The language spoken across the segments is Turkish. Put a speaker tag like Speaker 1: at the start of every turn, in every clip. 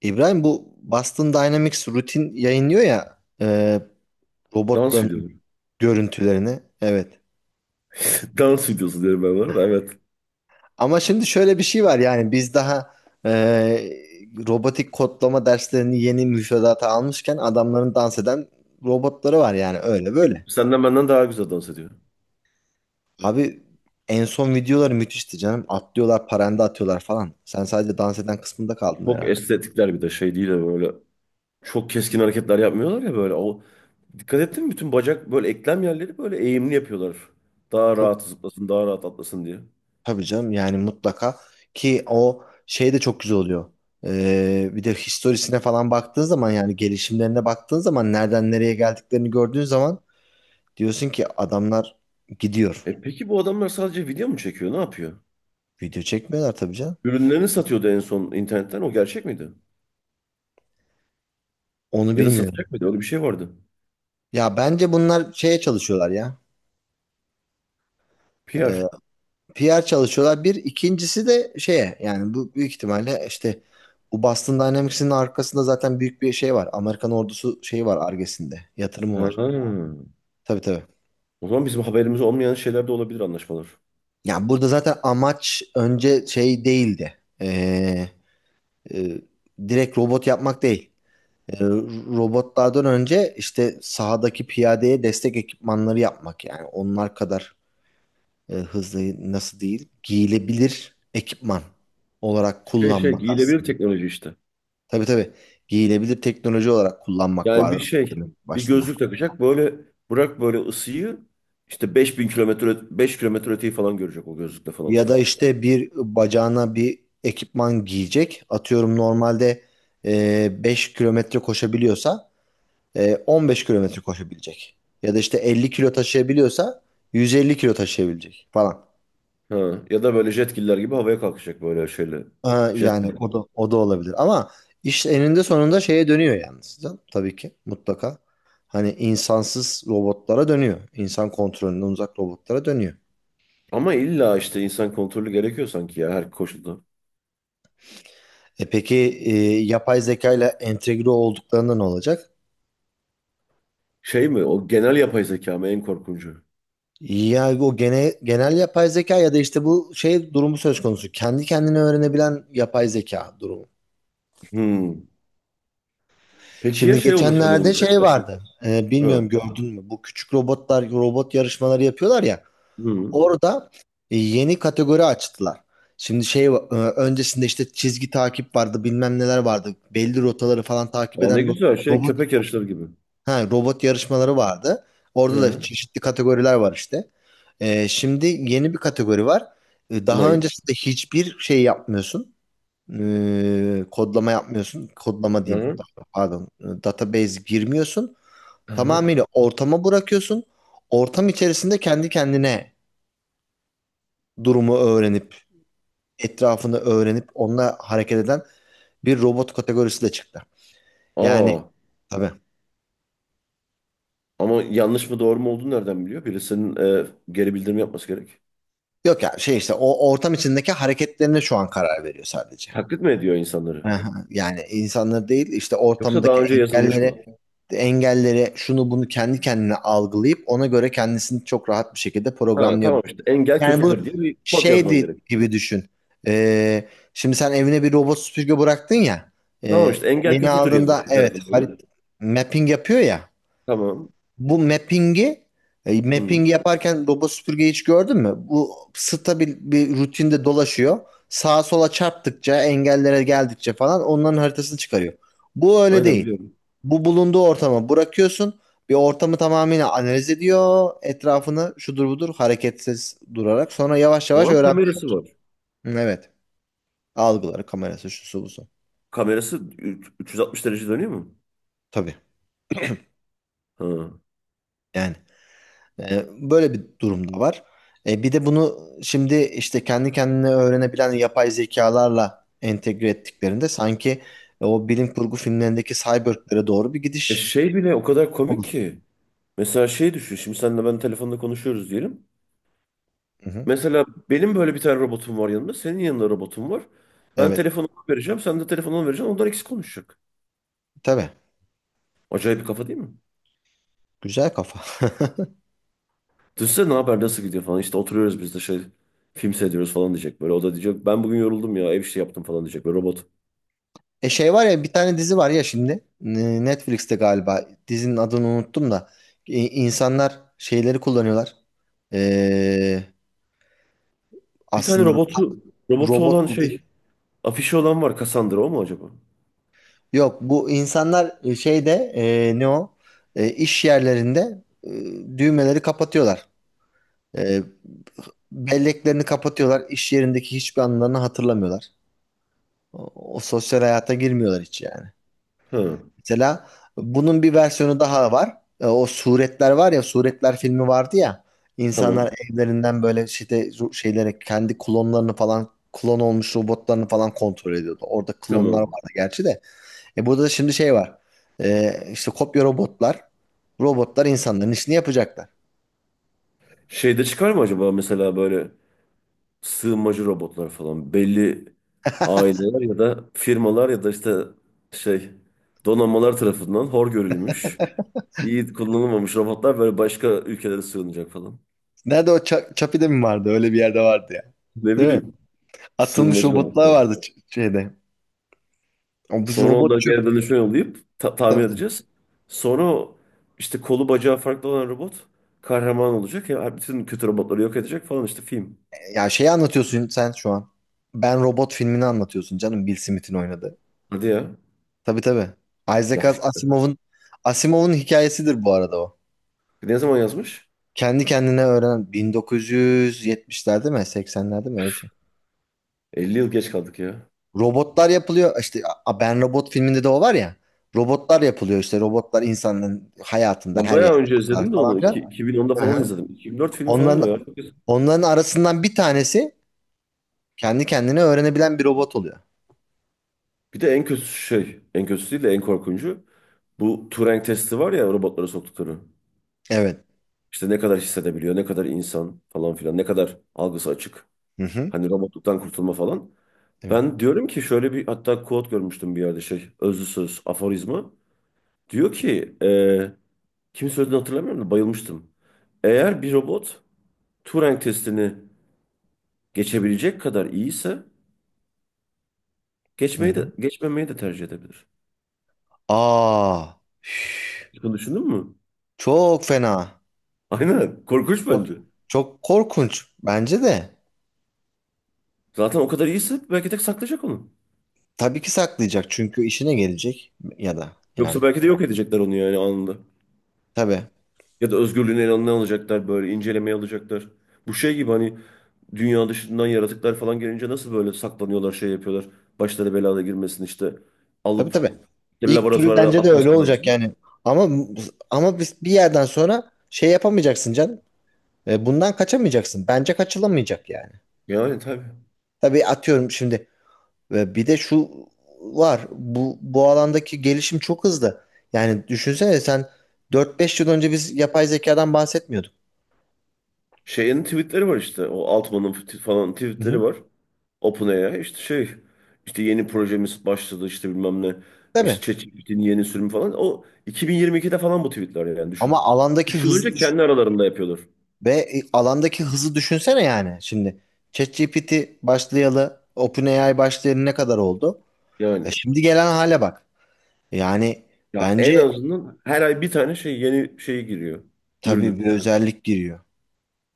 Speaker 1: İbrahim bu Boston Dynamics rutin yayınlıyor ya
Speaker 2: Dans
Speaker 1: robotların
Speaker 2: videoları.
Speaker 1: görüntülerini. Evet.
Speaker 2: Dans videosu diyorum ben buna da evet.
Speaker 1: Ama şimdi şöyle bir şey var yani biz daha e, robotik kodlama derslerini yeni müfredata almışken adamların dans eden robotları var yani öyle böyle.
Speaker 2: Senden benden daha güzel dans ediyor.
Speaker 1: Abi en son videoları müthişti canım. Atlıyorlar, paranda atıyorlar falan. Sen sadece dans eden kısmında kaldın
Speaker 2: Çok
Speaker 1: herhalde.
Speaker 2: estetikler bir de şey değil de böyle çok keskin hareketler yapmıyorlar ya böyle. O, dikkat ettin mi? Bütün bacak böyle eklem yerleri böyle eğimli yapıyorlar. Daha
Speaker 1: Çok
Speaker 2: rahat zıplasın, daha rahat atlasın diye.
Speaker 1: Tabii canım, yani mutlaka ki o şey de çok güzel oluyor. Bir de historisine falan baktığın zaman yani gelişimlerine baktığın zaman nereden nereye geldiklerini gördüğün zaman diyorsun ki adamlar gidiyor.
Speaker 2: E peki bu adamlar sadece video mu çekiyor? Ne yapıyor?
Speaker 1: Video çekmiyorlar tabii canım.
Speaker 2: Ürünlerini satıyordu en son internetten. O gerçek miydi?
Speaker 1: Onu
Speaker 2: Ya da
Speaker 1: bilmiyorum.
Speaker 2: satacak mıydı? Öyle bir şey vardı.
Speaker 1: Ya bence bunlar şeye çalışıyorlar ya. Ee,
Speaker 2: PR.
Speaker 1: PR çalışıyorlar. Bir ikincisi de şeye, yani bu büyük ihtimalle işte bu Boston Dynamics'in arkasında zaten büyük bir şey var. Amerikan ordusu şeyi var Ar-Ge'sinde. Yatırımı
Speaker 2: Ha.
Speaker 1: var. Tabii tabii.
Speaker 2: O zaman bizim haberimiz olmayan şeyler de olabilir, anlaşmalar.
Speaker 1: Ya burada zaten amaç önce şey değildi. E, direkt robot yapmak değil. Ee, Robotlardan önce işte sahadaki piyadeye destek ekipmanları yapmak, yani onlar kadar hızlı nasıl değil, giyilebilir ekipman olarak
Speaker 2: Şey
Speaker 1: kullanmak
Speaker 2: giyilebilir
Speaker 1: aslında.
Speaker 2: teknoloji işte.
Speaker 1: Tabii tabii, giyilebilir teknoloji olarak kullanmak
Speaker 2: Yani bir
Speaker 1: vardı
Speaker 2: şey,
Speaker 1: bölüm
Speaker 2: bir
Speaker 1: başında.
Speaker 2: gözlük takacak böyle, bırak böyle ısıyı işte 5.000 kilometre 5 kilometre öteyi falan görecek o gözlükle falan
Speaker 1: Ya da
Speaker 2: filan.
Speaker 1: işte bir bacağına bir ekipman giyecek. Atıyorum normalde 5 kilometre koşabiliyorsa 15 kilometre koşabilecek. Ya da işte 50 kilo taşıyabiliyorsa 150 kilo taşıyabilecek falan.
Speaker 2: Ha, ya da böyle jetkiller gibi havaya kalkacak böyle şeyle.
Speaker 1: Ha, yani
Speaker 2: Jetpack
Speaker 1: o
Speaker 2: gibi.
Speaker 1: da o da olabilir. Ama iş eninde sonunda şeye dönüyor yalnız. Tabii ki mutlaka. Hani insansız robotlara dönüyor. İnsan kontrolünden uzak robotlara dönüyor.
Speaker 2: Ama illa işte insan kontrolü gerekiyor sanki ya her koşulda.
Speaker 1: E peki e, yapay zeka ile entegre olduklarında ne olacak?
Speaker 2: Şey mi o, genel yapay zeka mı en korkuncu?
Speaker 1: Ya genel yapay zeka ya da işte bu şey durumu söz konusu. Kendi kendine öğrenebilen yapay zeka durumu.
Speaker 2: Hmm. Peki ya
Speaker 1: Şimdi
Speaker 2: şey olursa ne
Speaker 1: geçenlerde
Speaker 2: olacak
Speaker 1: şey
Speaker 2: asıl?
Speaker 1: vardı.
Speaker 2: Ha.
Speaker 1: Bilmiyorum, gördün mü? Bu küçük robotlar robot yarışmaları yapıyorlar ya.
Speaker 2: Hmm.
Speaker 1: Orada yeni kategori açtılar. Şimdi şey, öncesinde işte çizgi takip vardı, bilmem neler vardı. Belli rotaları falan takip
Speaker 2: Aa,
Speaker 1: eden
Speaker 2: ne güzel şey,
Speaker 1: robot
Speaker 2: köpek yarışları gibi.
Speaker 1: ha robot yarışmaları vardı.
Speaker 2: Hı
Speaker 1: Orada da
Speaker 2: hı.
Speaker 1: çeşitli kategoriler var işte. Şimdi yeni bir kategori var. Daha
Speaker 2: Ne?
Speaker 1: öncesinde hiçbir şey yapmıyorsun. Kodlama yapmıyorsun. Kodlama
Speaker 2: Hı
Speaker 1: diyeyim.
Speaker 2: hı.
Speaker 1: Pardon. Database girmiyorsun.
Speaker 2: Hı hı.
Speaker 1: Tamamıyla ortama bırakıyorsun. Ortam içerisinde kendi kendine durumu öğrenip, etrafını öğrenip onunla hareket eden bir robot kategorisi de çıktı. Yani
Speaker 2: Aa.
Speaker 1: tabii.
Speaker 2: Ama yanlış mı doğru mu olduğunu nereden biliyor? Birisinin geri bildirim yapması gerek.
Speaker 1: Yok ya, şey işte o ortam içindeki hareketlerine şu an karar veriyor sadece.
Speaker 2: Taklit mi ediyor insanları?
Speaker 1: Aha, yani insanlar değil, işte
Speaker 2: Yoksa daha
Speaker 1: ortamdaki
Speaker 2: önce yazılmış mı?
Speaker 1: engelleri şunu bunu kendi kendine algılayıp ona göre kendisini çok rahat bir şekilde
Speaker 2: Ha
Speaker 1: programlıyor.
Speaker 2: tamam, işte engel
Speaker 1: Yani bu Yani
Speaker 2: kötüdür diye bir kod yazman
Speaker 1: şeydi
Speaker 2: gerek.
Speaker 1: gibi düşün. Ee, Şimdi sen evine bir robot süpürge bıraktın ya.
Speaker 2: Tamam,
Speaker 1: Ee,
Speaker 2: işte engel
Speaker 1: Yeni
Speaker 2: kötüdür yazıyor
Speaker 1: aldığında,
Speaker 2: bir
Speaker 1: evet,
Speaker 2: tarafında onun.
Speaker 1: mapping yapıyor ya.
Speaker 2: Tamam.
Speaker 1: Bu mapping'i
Speaker 2: Hı,
Speaker 1: Mapping yaparken robot süpürgeyi hiç gördün mü? Bu stabil bir rutinde dolaşıyor. Sağa sola çarptıkça, engellere geldikçe falan onların haritasını çıkarıyor. Bu öyle
Speaker 2: aynen
Speaker 1: değil.
Speaker 2: biliyorum.
Speaker 1: Bu, bulunduğu ortama bırakıyorsun. Bir ortamı tamamıyla analiz ediyor. Etrafını şudur budur hareketsiz durarak. Sonra yavaş
Speaker 2: O
Speaker 1: yavaş
Speaker 2: zaman
Speaker 1: öğrenmeye.
Speaker 2: kamerası var.
Speaker 1: Evet. Algıları, kamerası, şusu busu.
Speaker 2: Kamerası üç- 360 derece dönüyor mu?
Speaker 1: Tabii.
Speaker 2: Ha.
Speaker 1: Yani. E, Böyle bir durum da var. Bir de bunu şimdi işte kendi kendine öğrenebilen yapay zekalarla entegre ettiklerinde sanki o bilim kurgu filmlerindeki cyborglere doğru bir
Speaker 2: E
Speaker 1: gidiş
Speaker 2: şey bile o kadar komik
Speaker 1: olur.
Speaker 2: ki. Mesela şey düşün. Şimdi senle ben telefonda konuşuyoruz diyelim.
Speaker 1: Hı hı.
Speaker 2: Mesela benim böyle bir tane robotum var yanımda. Senin yanında robotum var. Ben
Speaker 1: Evet.
Speaker 2: telefonu vereceğim. Sen de telefonu ona vereceksin. Onlar ikisi konuşacak.
Speaker 1: Tabii.
Speaker 2: Acayip bir kafa değil mi?
Speaker 1: Güzel kafa.
Speaker 2: Düşünsene, ne haber, nasıl gidiyor falan. İşte oturuyoruz biz de şey, film seyrediyoruz falan diyecek böyle. O da diyecek ben bugün yoruldum ya, ev işi yaptım falan diyecek böyle robot.
Speaker 1: Şey var ya, bir tane dizi var ya şimdi, Netflix'te galiba, dizinin adını unuttum da insanlar şeyleri kullanıyorlar. Ee,
Speaker 2: Bir tane
Speaker 1: Aslında
Speaker 2: robotu olan
Speaker 1: robot
Speaker 2: şey, afişi olan var, Cassandra o mu acaba?
Speaker 1: yok, bu insanlar şeyde, e, ne o iş yerlerinde düğmeleri kapatıyorlar. E, Belleklerini kapatıyorlar. İş yerindeki hiçbir anılarını hatırlamıyorlar. O, o sosyal hayata girmiyorlar hiç yani.
Speaker 2: Ha,
Speaker 1: Mesela bunun bir versiyonu daha var. O Suretler var ya, Suretler filmi vardı ya. İnsanlar
Speaker 2: tamam
Speaker 1: evlerinden böyle işte şeylere kendi klonlarını falan, klon olmuş robotlarını falan kontrol ediyordu. Orada klonlar
Speaker 2: tamam.
Speaker 1: vardı gerçi de. Burada da şimdi şey var. İşte kopya robotlar. Robotlar insanların işini yapacaklar.
Speaker 2: Şeyde çıkar mı acaba mesela böyle sığınmacı robotlar falan, belli aileler ya da firmalar ya da işte şey, donanmalar tarafından hor görülmüş, iyi kullanılmamış robotlar böyle başka ülkelere sığınacak falan.
Speaker 1: Nerede o, Çapi'de mi vardı? Öyle bir yerde vardı ya.
Speaker 2: Ne
Speaker 1: Değil mi?
Speaker 2: bileyim,
Speaker 1: Atılmış
Speaker 2: sığınmacı
Speaker 1: robotlar
Speaker 2: robotlar.
Speaker 1: vardı şeyde. O bu
Speaker 2: Sonra
Speaker 1: robot
Speaker 2: onları
Speaker 1: çöp.
Speaker 2: geri dönüşüme yollayıp ta- tamir
Speaker 1: Tabii tabii.
Speaker 2: edeceğiz. Sonra o işte kolu bacağı farklı olan robot kahraman olacak ya, bütün kötü robotları yok edecek falan, işte film.
Speaker 1: Ya şeyi anlatıyorsun sen şu an. Ben Robot filmini anlatıyorsun canım. Bill Smith'in oynadığı.
Speaker 2: Hadi ya.
Speaker 1: Tabii tabii. Isaac
Speaker 2: Ya işte.
Speaker 1: Asimov'un hikayesidir bu arada o.
Speaker 2: Ne zaman yazmış?
Speaker 1: Kendi kendine öğrenen 1970'lerde mi 80'lerde mi öyle bir şey.
Speaker 2: 50 yıl geç kaldık ya.
Speaker 1: Robotlar yapılıyor. İşte Ben Robot filminde de o var ya. Robotlar yapılıyor işte. Robotlar insanların hayatında
Speaker 2: Ben
Speaker 1: her yerde
Speaker 2: bayağı önce izledim
Speaker 1: varlar
Speaker 2: de
Speaker 1: falan
Speaker 2: onu. İki-
Speaker 1: filan.
Speaker 2: 2010'da
Speaker 1: Hı
Speaker 2: falan
Speaker 1: hı.
Speaker 2: izledim. 2004 film falan o
Speaker 1: Onların
Speaker 2: ya. Çok eski.
Speaker 1: onların arasından bir tanesi kendi kendine öğrenebilen bir robot oluyor.
Speaker 2: Bir de en kötü şey, en kötüsü değil de en korkuncu. Bu Turing testi var ya, robotlara soktukları.
Speaker 1: Evet.
Speaker 2: İşte ne kadar hissedebiliyor, ne kadar insan falan filan, ne kadar algısı açık.
Speaker 1: Hı hı.
Speaker 2: Hani robotluktan kurtulma falan.
Speaker 1: Evet.
Speaker 2: Ben diyorum ki şöyle bir, hatta quote görmüştüm bir yerde, şey, özlü söz, aforizma. Diyor ki, kim söylediğini hatırlamıyorum da bayılmıştım. Eğer bir robot Turing testini geçebilecek kadar iyiyse,
Speaker 1: Hı hı.
Speaker 2: geçmeyi de geçmemeyi de tercih edebilir.
Speaker 1: Aa. Üf.
Speaker 2: Hiç bunu düşündün mü?
Speaker 1: Çok fena.
Speaker 2: Aynen. Korkunç
Speaker 1: Çok,
Speaker 2: bence.
Speaker 1: çok korkunç bence de.
Speaker 2: Zaten o kadar iyiyse belki de saklayacak onu.
Speaker 1: Tabii ki saklayacak çünkü işine gelecek ya da yani.
Speaker 2: Yoksa belki de yok edecekler onu yani anında.
Speaker 1: Tabii.
Speaker 2: Ya da özgürlüğünü eline alacaklar, böyle incelemeye alacaklar. Bu şey gibi hani, dünya dışından yaratıklar falan gelince nasıl böyle saklanıyorlar, şey yapıyorlar. Başları belada girmesin işte,
Speaker 1: Tabii
Speaker 2: alıp
Speaker 1: tabii.
Speaker 2: bir
Speaker 1: İlk türü
Speaker 2: laboratuvara
Speaker 1: bence de öyle
Speaker 2: atmasınlar
Speaker 1: olacak
Speaker 2: diye.
Speaker 1: yani. Ama ama biz bir yerden sonra şey yapamayacaksın canım. Bundan kaçamayacaksın. Bence kaçılamayacak yani.
Speaker 2: Yani tabii.
Speaker 1: Tabii, atıyorum şimdi bir de şu var. Bu alandaki gelişim çok hızlı. Yani düşünsene, sen 4-5 yıl önce biz yapay zekadan bahsetmiyorduk.
Speaker 2: Şeyin tweetleri var işte, o Altman'ın t- falan
Speaker 1: Hı
Speaker 2: tweetleri
Speaker 1: hı.
Speaker 2: var. OpenAI işte şey, işte yeni projemiz başladı, işte bilmem ne,
Speaker 1: Değil.
Speaker 2: işte ChatGPT'nin yeni sürümü falan, o 2022'de falan bu tweetler yani, düşün.
Speaker 1: Ama alandaki
Speaker 2: Üç yıl
Speaker 1: hızı
Speaker 2: önce
Speaker 1: düş-
Speaker 2: kendi aralarında yapıyorlar
Speaker 1: ve e, Alandaki hızı düşünsene yani. Şimdi ChatGPT başlayalı, OpenAI başlayalı ne kadar oldu?
Speaker 2: yani.
Speaker 1: Şimdi gelen hale bak. Yani
Speaker 2: Ya en
Speaker 1: bence
Speaker 2: azından her ay bir tane şey, yeni şey giriyor,
Speaker 1: tabii
Speaker 2: ürünü.
Speaker 1: bir özellik giriyor.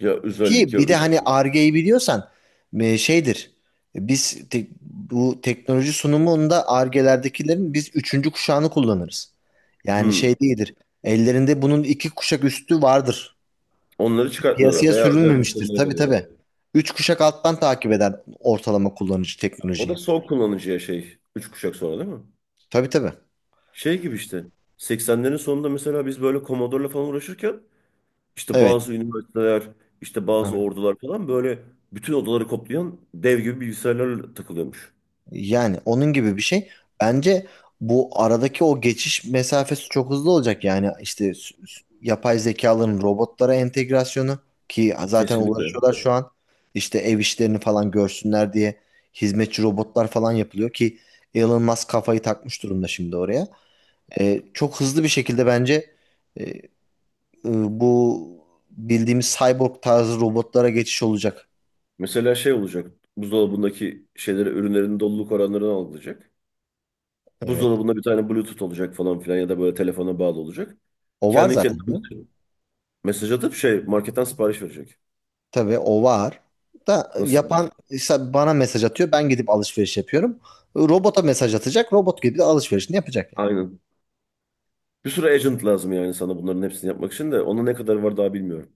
Speaker 2: Ya
Speaker 1: Ki
Speaker 2: özellik ya
Speaker 1: bir de
Speaker 2: ürün.
Speaker 1: hani Ar-Ge'yi biliyorsan şeydir. Bu teknoloji sunumunda Ar-Ge'lerdekilerin biz üçüncü kuşağını kullanırız. Yani şey
Speaker 2: Hmm.
Speaker 1: değildir. Ellerinde bunun iki kuşak üstü vardır.
Speaker 2: Onları çıkartmıyorlar
Speaker 1: Piyasaya
Speaker 2: veya özel
Speaker 1: sürülmemiştir.
Speaker 2: müşterilere
Speaker 1: Tabii tabii.
Speaker 2: veriyorlar.
Speaker 1: Üç kuşak alttan takip eder ortalama kullanıcı
Speaker 2: O da
Speaker 1: teknolojiyi.
Speaker 2: son kullanıcıya şey 3 kuşak sonra değil mi?
Speaker 1: Tabii tabii.
Speaker 2: Şey gibi işte, 80'lerin sonunda mesela biz böyle Commodore'la falan uğraşırken, İşte
Speaker 1: Evet.
Speaker 2: bazı üniversiteler, işte bazı ordular falan böyle bütün odaları koplayan dev gibi bilgisayarlarla takılıyormuş.
Speaker 1: Yani onun gibi bir şey. Bence bu aradaki o geçiş mesafesi çok hızlı olacak. Yani işte yapay zekaların robotlara entegrasyonu, ki zaten
Speaker 2: Kesinlikle.
Speaker 1: uğraşıyorlar şu an. İşte ev işlerini falan görsünler diye hizmetçi robotlar falan yapılıyor, ki Elon Musk kafayı takmış durumda şimdi oraya. Çok hızlı bir şekilde bence e, e, bu bildiğimiz cyborg tarzı robotlara geçiş olacak.
Speaker 2: Mesela şey olacak. Buzdolabındaki şeyleri, ürünlerin doluluk oranlarını algılayacak.
Speaker 1: Evet.
Speaker 2: Buzdolabında bir tane Bluetooth olacak falan filan ya da böyle telefona bağlı olacak.
Speaker 1: O var
Speaker 2: Kendi kendine
Speaker 1: zaten.
Speaker 2: mesaj atıp şey marketten sipariş verecek.
Speaker 1: Tabii o var. Da
Speaker 2: Nasıl?
Speaker 1: yapan işte bana mesaj atıyor. Ben gidip alışveriş yapıyorum. Robota mesaj atacak. Robot gibi de alışverişini yapacak yani?
Speaker 2: Aynen. Bir sürü agent lazım yani sana, bunların hepsini yapmak için de ona ne kadar var daha bilmiyorum.